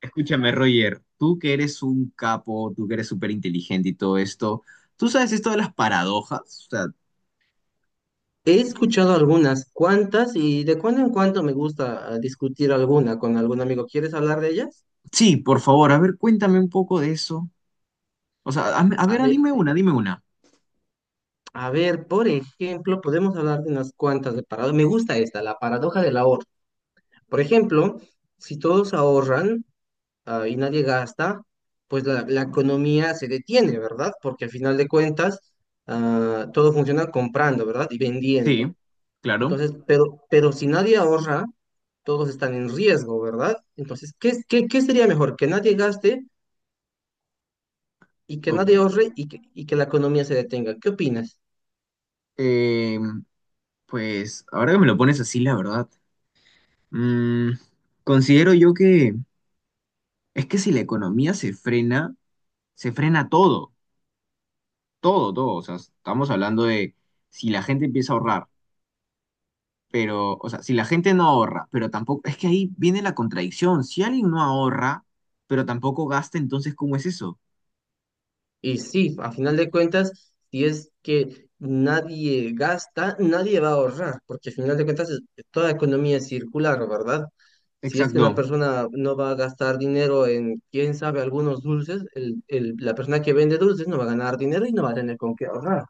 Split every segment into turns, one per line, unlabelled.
Escúchame, Roger, tú que eres un capo, tú que eres súper inteligente y todo esto, ¿tú sabes esto de las paradojas? O sea,
He escuchado algunas cuantas y de cuando en cuando me gusta discutir alguna con algún amigo. ¿Quieres hablar de ellas?
sí, por favor, a ver, cuéntame un poco de eso. O sea, a, a
A
ver,
ver,
dime una, dime una.
a ver, por ejemplo, podemos hablar de unas cuantas de paradojas. Me gusta esta, la paradoja del ahorro. Por ejemplo, si todos ahorran y nadie gasta, pues la
Yo.
economía se detiene, ¿verdad? Porque al final de cuentas, todo funciona comprando, ¿verdad? Y
Sí,
vendiendo.
claro,
Entonces, pero si nadie ahorra, todos están en riesgo, ¿verdad? Entonces, ¿ qué sería mejor? Que nadie gaste y que nadie
ok.
ahorre y que la economía se detenga. ¿Qué opinas?
Eh, pues ahora que me lo pones así, la verdad, mm, considero yo que es que si la economía se frena todo, todo, todo. O sea, estamos hablando de si la gente empieza a ahorrar. Pero, o sea, si la gente no ahorra, pero tampoco, es que ahí viene la contradicción. Si alguien no ahorra, pero tampoco gasta, entonces, ¿cómo es eso?
Y sí, a final de cuentas, si es que nadie gasta, nadie va a ahorrar, porque a final de cuentas, toda economía es circular, ¿verdad? Si es que una
Exacto.
persona no va a gastar dinero en, quién sabe, algunos dulces, la persona que vende dulces no va a ganar dinero y no va a tener con qué ahorrar.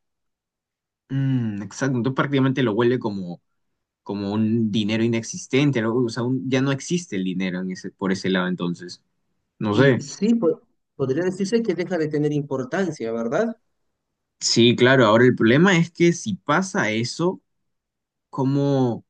Mm, exacto. Entonces prácticamente lo vuelve como, como un dinero inexistente, ¿no? O sea, ya no existe el dinero en ese, por ese lado, entonces. No
Y
sé.
sí, podría decirse que deja de tener importancia, ¿verdad?
Sí, claro. Ahora el problema es que si pasa eso, ¿cómo? O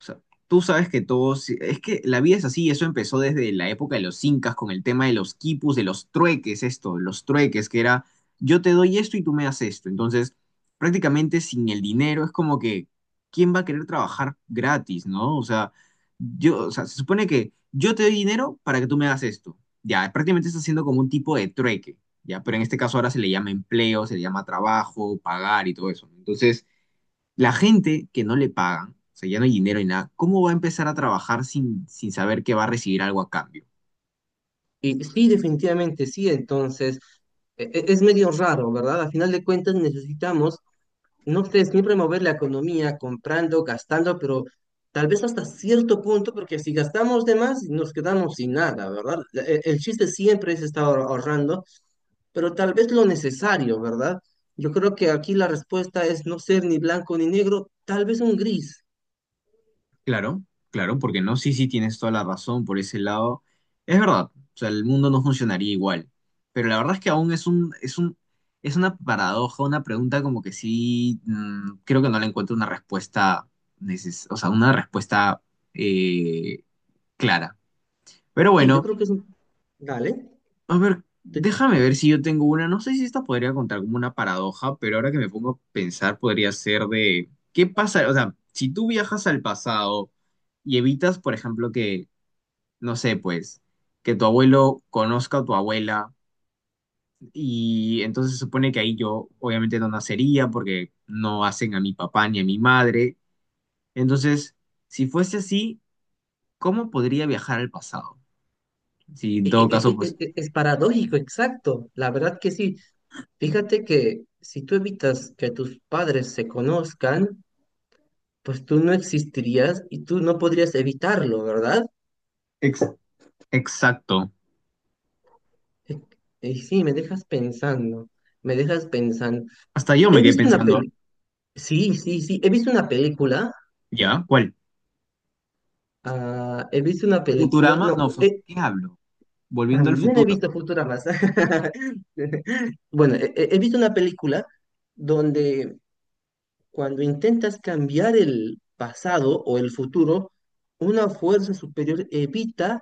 sea, tú sabes que todos, es que la vida es así, eso empezó desde la época de los incas con el tema de los quipus, de los trueques, esto, los trueques, que era yo te doy esto y tú me das esto. Entonces, prácticamente sin el dinero es como que, ¿quién va a querer trabajar gratis, no? O sea, yo, o sea, se supone que yo te doy dinero para que tú me das esto. Ya, prácticamente está haciendo como un tipo de trueque, ya, pero en este caso ahora se le llama empleo, se le llama trabajo, pagar y todo eso. ¿No? Entonces, la gente que no le pagan, o sea, ya no hay dinero y nada, ¿cómo va a empezar a trabajar sin, sin saber que va a recibir algo a cambio?
Y sí, definitivamente sí, entonces es medio raro, ¿verdad? A final de cuentas necesitamos, no sé, siempre mover la economía comprando, gastando, pero tal vez hasta cierto punto, porque si gastamos de más nos quedamos sin nada, ¿verdad? El chiste siempre es estar ahorrando, pero tal vez lo necesario, ¿verdad? Yo creo que aquí la respuesta es no ser ni blanco ni negro, tal vez un gris.
Claro, claro, porque no, sí, sí, tienes toda la razón por ese lado. Es verdad, o sea, el mundo no funcionaría igual, pero la verdad es que aún es un, es una paradoja, una pregunta como que sí, mm, creo que no le encuentro una respuesta, o sea, una respuesta eh, clara. Pero
Sí, yo
bueno.
creo que es un... Dale.
A ver, déjame ver si yo tengo una. No sé si esta podría contar como una paradoja, pero ahora que me pongo a pensar, podría ser de qué pasa. O sea, si tú viajas al pasado y evitas, por ejemplo, que, no sé, pues, que tu abuelo conozca a tu abuela, y entonces se supone que ahí yo obviamente no nacería porque no hacen a mi papá ni a mi madre. Entonces, si fuese así, ¿cómo podría viajar al pasado? Si en todo caso, pues,
Es paradójico, exacto. La verdad que sí. Fíjate que si tú evitas que tus padres se conozcan, pues tú no existirías y tú no podrías evitarlo, ¿verdad?
ex- exacto.
E- Y sí, me dejas pensando, me dejas pensando.
Hasta yo me
He
quedé
visto una
pensando.
peli, sí, sí, sí, he visto una película,
¿Ya? ¿Cuál?
he visto una película,
Futurama,
no,
no, ¿qué hablo? Volviendo al
también he
futuro.
visto Futurama. Bueno, he visto una película donde cuando intentas cambiar el pasado o el futuro, una fuerza superior evita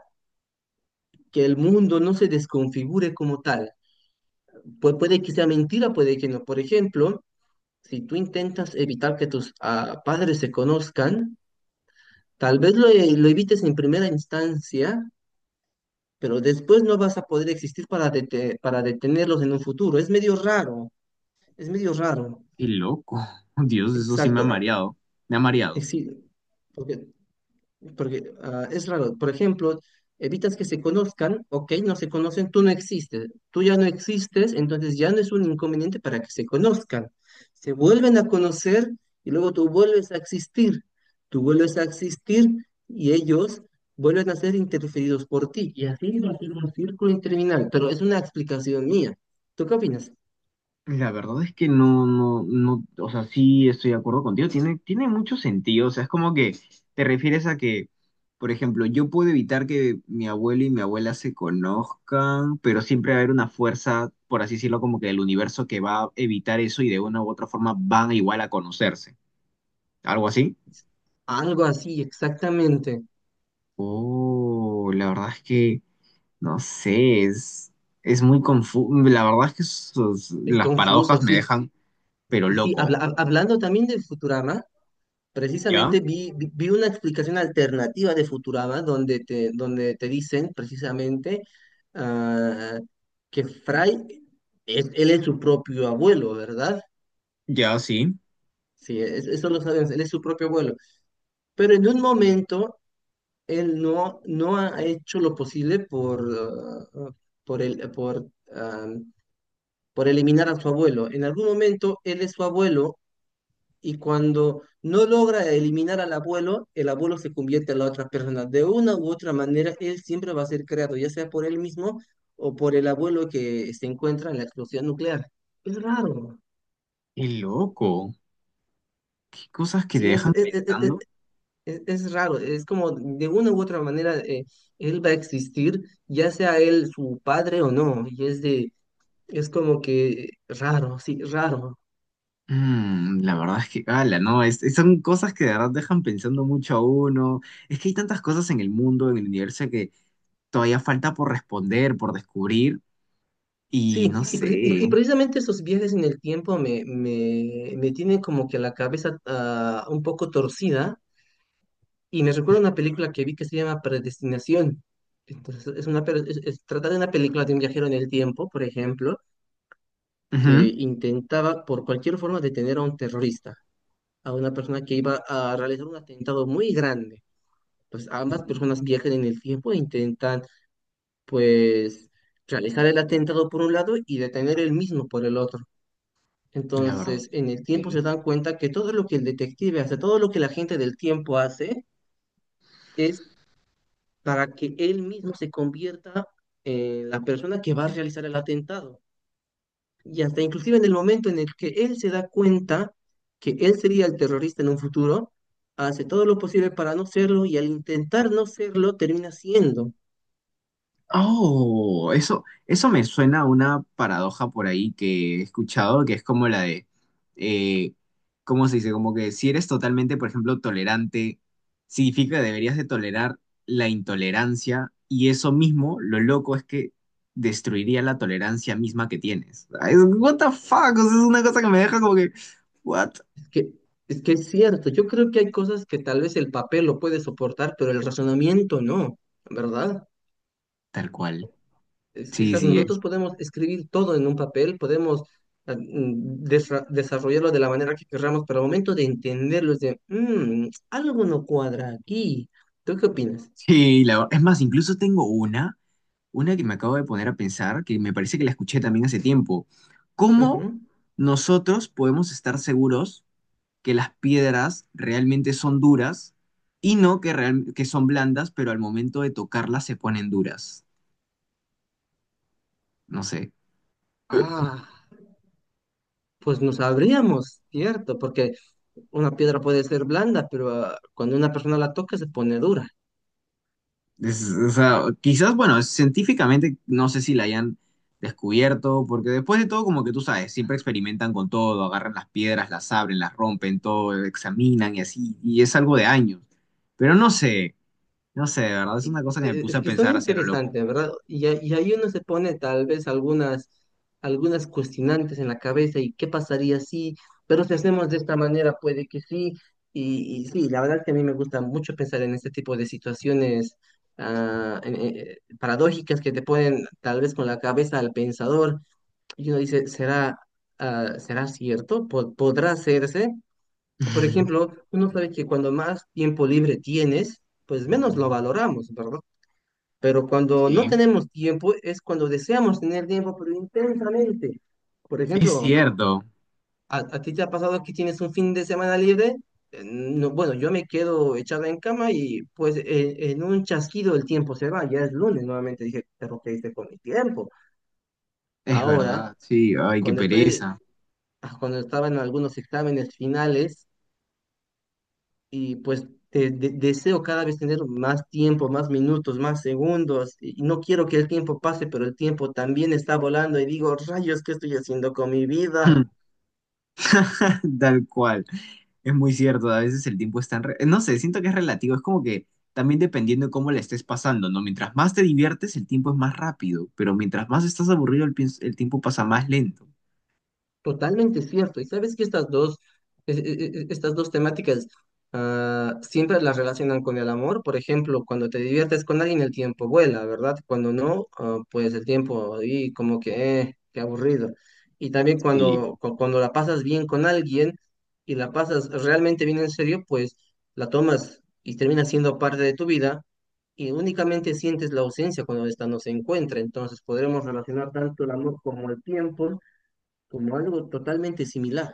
que el mundo no se desconfigure como tal. Puede que sea mentira, puede que no. Por ejemplo, si tú intentas evitar que tus padres se conozcan, tal vez lo evites en primera instancia, pero después no vas a poder existir para, para detenerlos en un futuro. Es medio raro, es medio raro.
Qué loco. Dios, eso sí me ha
Exacto.
mareado. Me ha mareado.
Sí, porque porque es raro. Por ejemplo, evitas que se conozcan, ok, no se conocen, tú no existes. Tú ya no existes, entonces ya no es un inconveniente para que se conozcan. Se vuelven a conocer y luego tú vuelves a existir. Tú vuelves a existir y ellos vuelven a ser interferidos por ti. Y así va a ser un círculo interminable. Pero es una explicación mía. ¿Tú qué opinas?
La verdad es que no, no, no, o sea, sí estoy de acuerdo contigo. Tiene, tiene mucho sentido. O sea, es como que te refieres a que, por ejemplo, yo puedo evitar que mi abuelo y mi abuela se conozcan, pero siempre va a haber una fuerza, por así decirlo, como que del universo que va a evitar eso y de una u otra forma van igual a conocerse. ¿Algo así?
Algo así, exactamente.
Oh, la verdad es que. No sé, es muy confuso. La verdad es que
Es
las paradojas
confuso,
me
sí.
dejan, pero
Y sí,
loco.
hablando también del Futurama.
¿Ya?
Precisamente vi, vi una explicación alternativa de Futurama donde te dicen precisamente ah, que Fry, él es su propio abuelo, ¿verdad?
¿Ya sí?
Sí, eso lo sabemos, él es su propio abuelo. Pero en un momento él no ha hecho lo posible por, ah, por, el, por, ah, por eliminar a su abuelo. En algún momento él es su abuelo y cuando no logra eliminar al abuelo, el abuelo se convierte en la otra persona. De una u otra manera, él siempre va a ser creado, ya sea por él mismo o por el abuelo que se encuentra en la explosión nuclear. Es raro.
Qué loco. ¿Qué cosas que te
Sí,
dejan pensando?
es raro. Es como de una u otra manera, él va a existir, ya sea él su padre o no. Y es de, es como que raro.
Mm, la verdad es que, ala, no, son cosas que de verdad dejan pensando mucho a uno. Es que hay tantas cosas en el mundo, en el universo, que todavía falta por responder, por descubrir,
Sí,
y no
y,
sé.
precisamente esos viajes en el tiempo me tienen como que la cabeza un poco torcida y me recuerda una película que vi que se llama Predestinación. Entonces, es una, pe- es- trata de una película de un viajero en el tiempo, por ejemplo, que
Ujú.
intentaba por cualquier forma detener a un terrorista, a una persona que iba a realizar un atentado muy grande. Pues ambas personas viajan en el tiempo e intentan, pues, realizar el atentado por un lado y detener el mismo por el otro.
La verdad,
Entonces, en el tiempo
sí.
se dan cuenta que todo lo que el detective hace, todo lo que la gente del tiempo hace, es para que él mismo se convierta en la persona que va a realizar el atentado y hasta inclusive en el momento en el que él se da cuenta que él sería el terrorista en un futuro, hace todo lo posible para no serlo y al intentar no serlo termina siendo.
Oh, eso me suena a una paradoja por ahí que he escuchado, que es como la de, eh, ¿cómo se dice? Como que si eres totalmente, por ejemplo, tolerante, significa que deberías de tolerar la intolerancia y eso mismo, lo loco es que destruiría la tolerancia misma que tienes. Ay, what the fuck, o sea, es una cosa que me deja como que, ¿what?
Es que, es que es cierto, yo creo que hay cosas que tal vez el papel lo puede soportar, pero el razonamiento no, ¿verdad?
Tal cual.
Es- es
Sí,
que
sí,
nosotros
es.
podemos escribir todo en un papel, podemos desarrollarlo de la manera que queramos, pero al momento de entenderlo es de, "Mm, algo no cuadra aquí. ¿Tú qué opinas?
Sí, es más, incluso tengo una. Una que me acabo de poner a pensar, que me parece que la escuché también hace tiempo. ¿Cómo
Ujú.
nosotros podemos estar seguros que las piedras realmente son duras y no que, que son blandas, pero al momento de tocarlas se ponen duras? No sé.
Ah, pues no sabríamos, ¿cierto? Porque una piedra puede ser blanda, pero cuando una persona la toca se pone dura.
O sea, quizás, bueno, científicamente no sé si la hayan descubierto, porque después de todo, como que tú sabes, siempre experimentan con todo, agarran las piedras, las abren, las rompen, todo, examinan y así, y es algo de años. Pero no sé. No sé, de verdad, es una cosa que me puse
Es
a
que son
pensar hacia lo loco.
interesantes, ¿verdad? Y, ahí uno se pone tal vez algunas, algunas cuestionantes en la cabeza y qué pasaría si, pero si hacemos de esta manera, puede que sí. Y sí, la verdad es que a mí me gusta mucho pensar en este tipo de situaciones paradójicas que te ponen tal vez con la cabeza al pensador y uno dice, ¿será, ¿será cierto? ¿Podrá hacerse? Por ejemplo, uno sabe que cuando más tiempo libre tienes, pues menos lo valoramos, ¿verdad? Pero cuando no
Sí,
tenemos tiempo es cuando deseamos tener tiempo, pero intensamente. Por
es
ejemplo,
cierto,
¿ a ti te ha pasado que tienes un fin de semana libre? No, bueno, yo me quedo echada en cama y pues en un chasquido el tiempo se va. Ya es lunes nuevamente. Dije, pero ¿qué hice con mi tiempo?
es
Ahora,
verdad, sí, ay, qué
cuando estoy,
pereza.
cuando estaba en algunos exámenes finales, y pues deseo cada vez tener más tiempo, más minutos, más segundos, y no quiero que el tiempo pase, pero el tiempo también está volando y digo, rayos, ¿qué estoy haciendo con mi vida?
Tal cual, es muy cierto, a veces el tiempo es tan... No sé, siento que es relativo, es como que también dependiendo de cómo la estés pasando, ¿no? Mientras más te diviertes, el tiempo es más rápido, pero mientras más estás aburrido, el tiempo pasa más lento.
Totalmente cierto. Y sabes que estas dos, e- e- e- estas dos temáticas siempre las relacionan con el amor. Por ejemplo, cuando te diviertes con alguien, el tiempo vuela, ¿verdad? Cuando no, pues el tiempo ahí como que, qué aburrido. Y también
Sí,
cuando la pasas bien con alguien y la pasas realmente bien en serio, pues la tomas y termina siendo parte de tu vida y únicamente sientes la ausencia cuando esta no se encuentra. Entonces podremos relacionar tanto el amor como el tiempo como algo totalmente similar.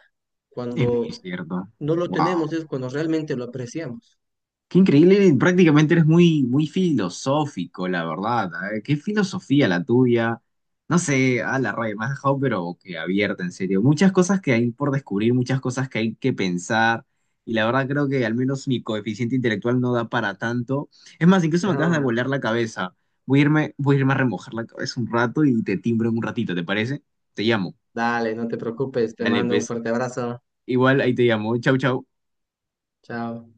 es muy
Cuando
cierto.
no lo
Wow.
tenemos es cuando realmente lo apreciamos.
Qué increíble, prácticamente eres muy, muy filosófico, la verdad. A ver, qué filosofía la tuya. No sé, a la raya, me has dejado, pero que abierta, en serio. Muchas cosas que hay por descubrir, muchas cosas que hay que pensar. Y la verdad creo que al menos mi coeficiente intelectual no da para tanto. Es más, incluso me acabas de
No,
volar la cabeza. Voy a irme a remojar la cabeza un rato y te timbro en un ratito, ¿te parece? Te llamo.
dale, no te preocupes, te
Dale,
mando un
pues.
fuerte abrazo.
Igual ahí te llamo. Chau, chau.
Chao.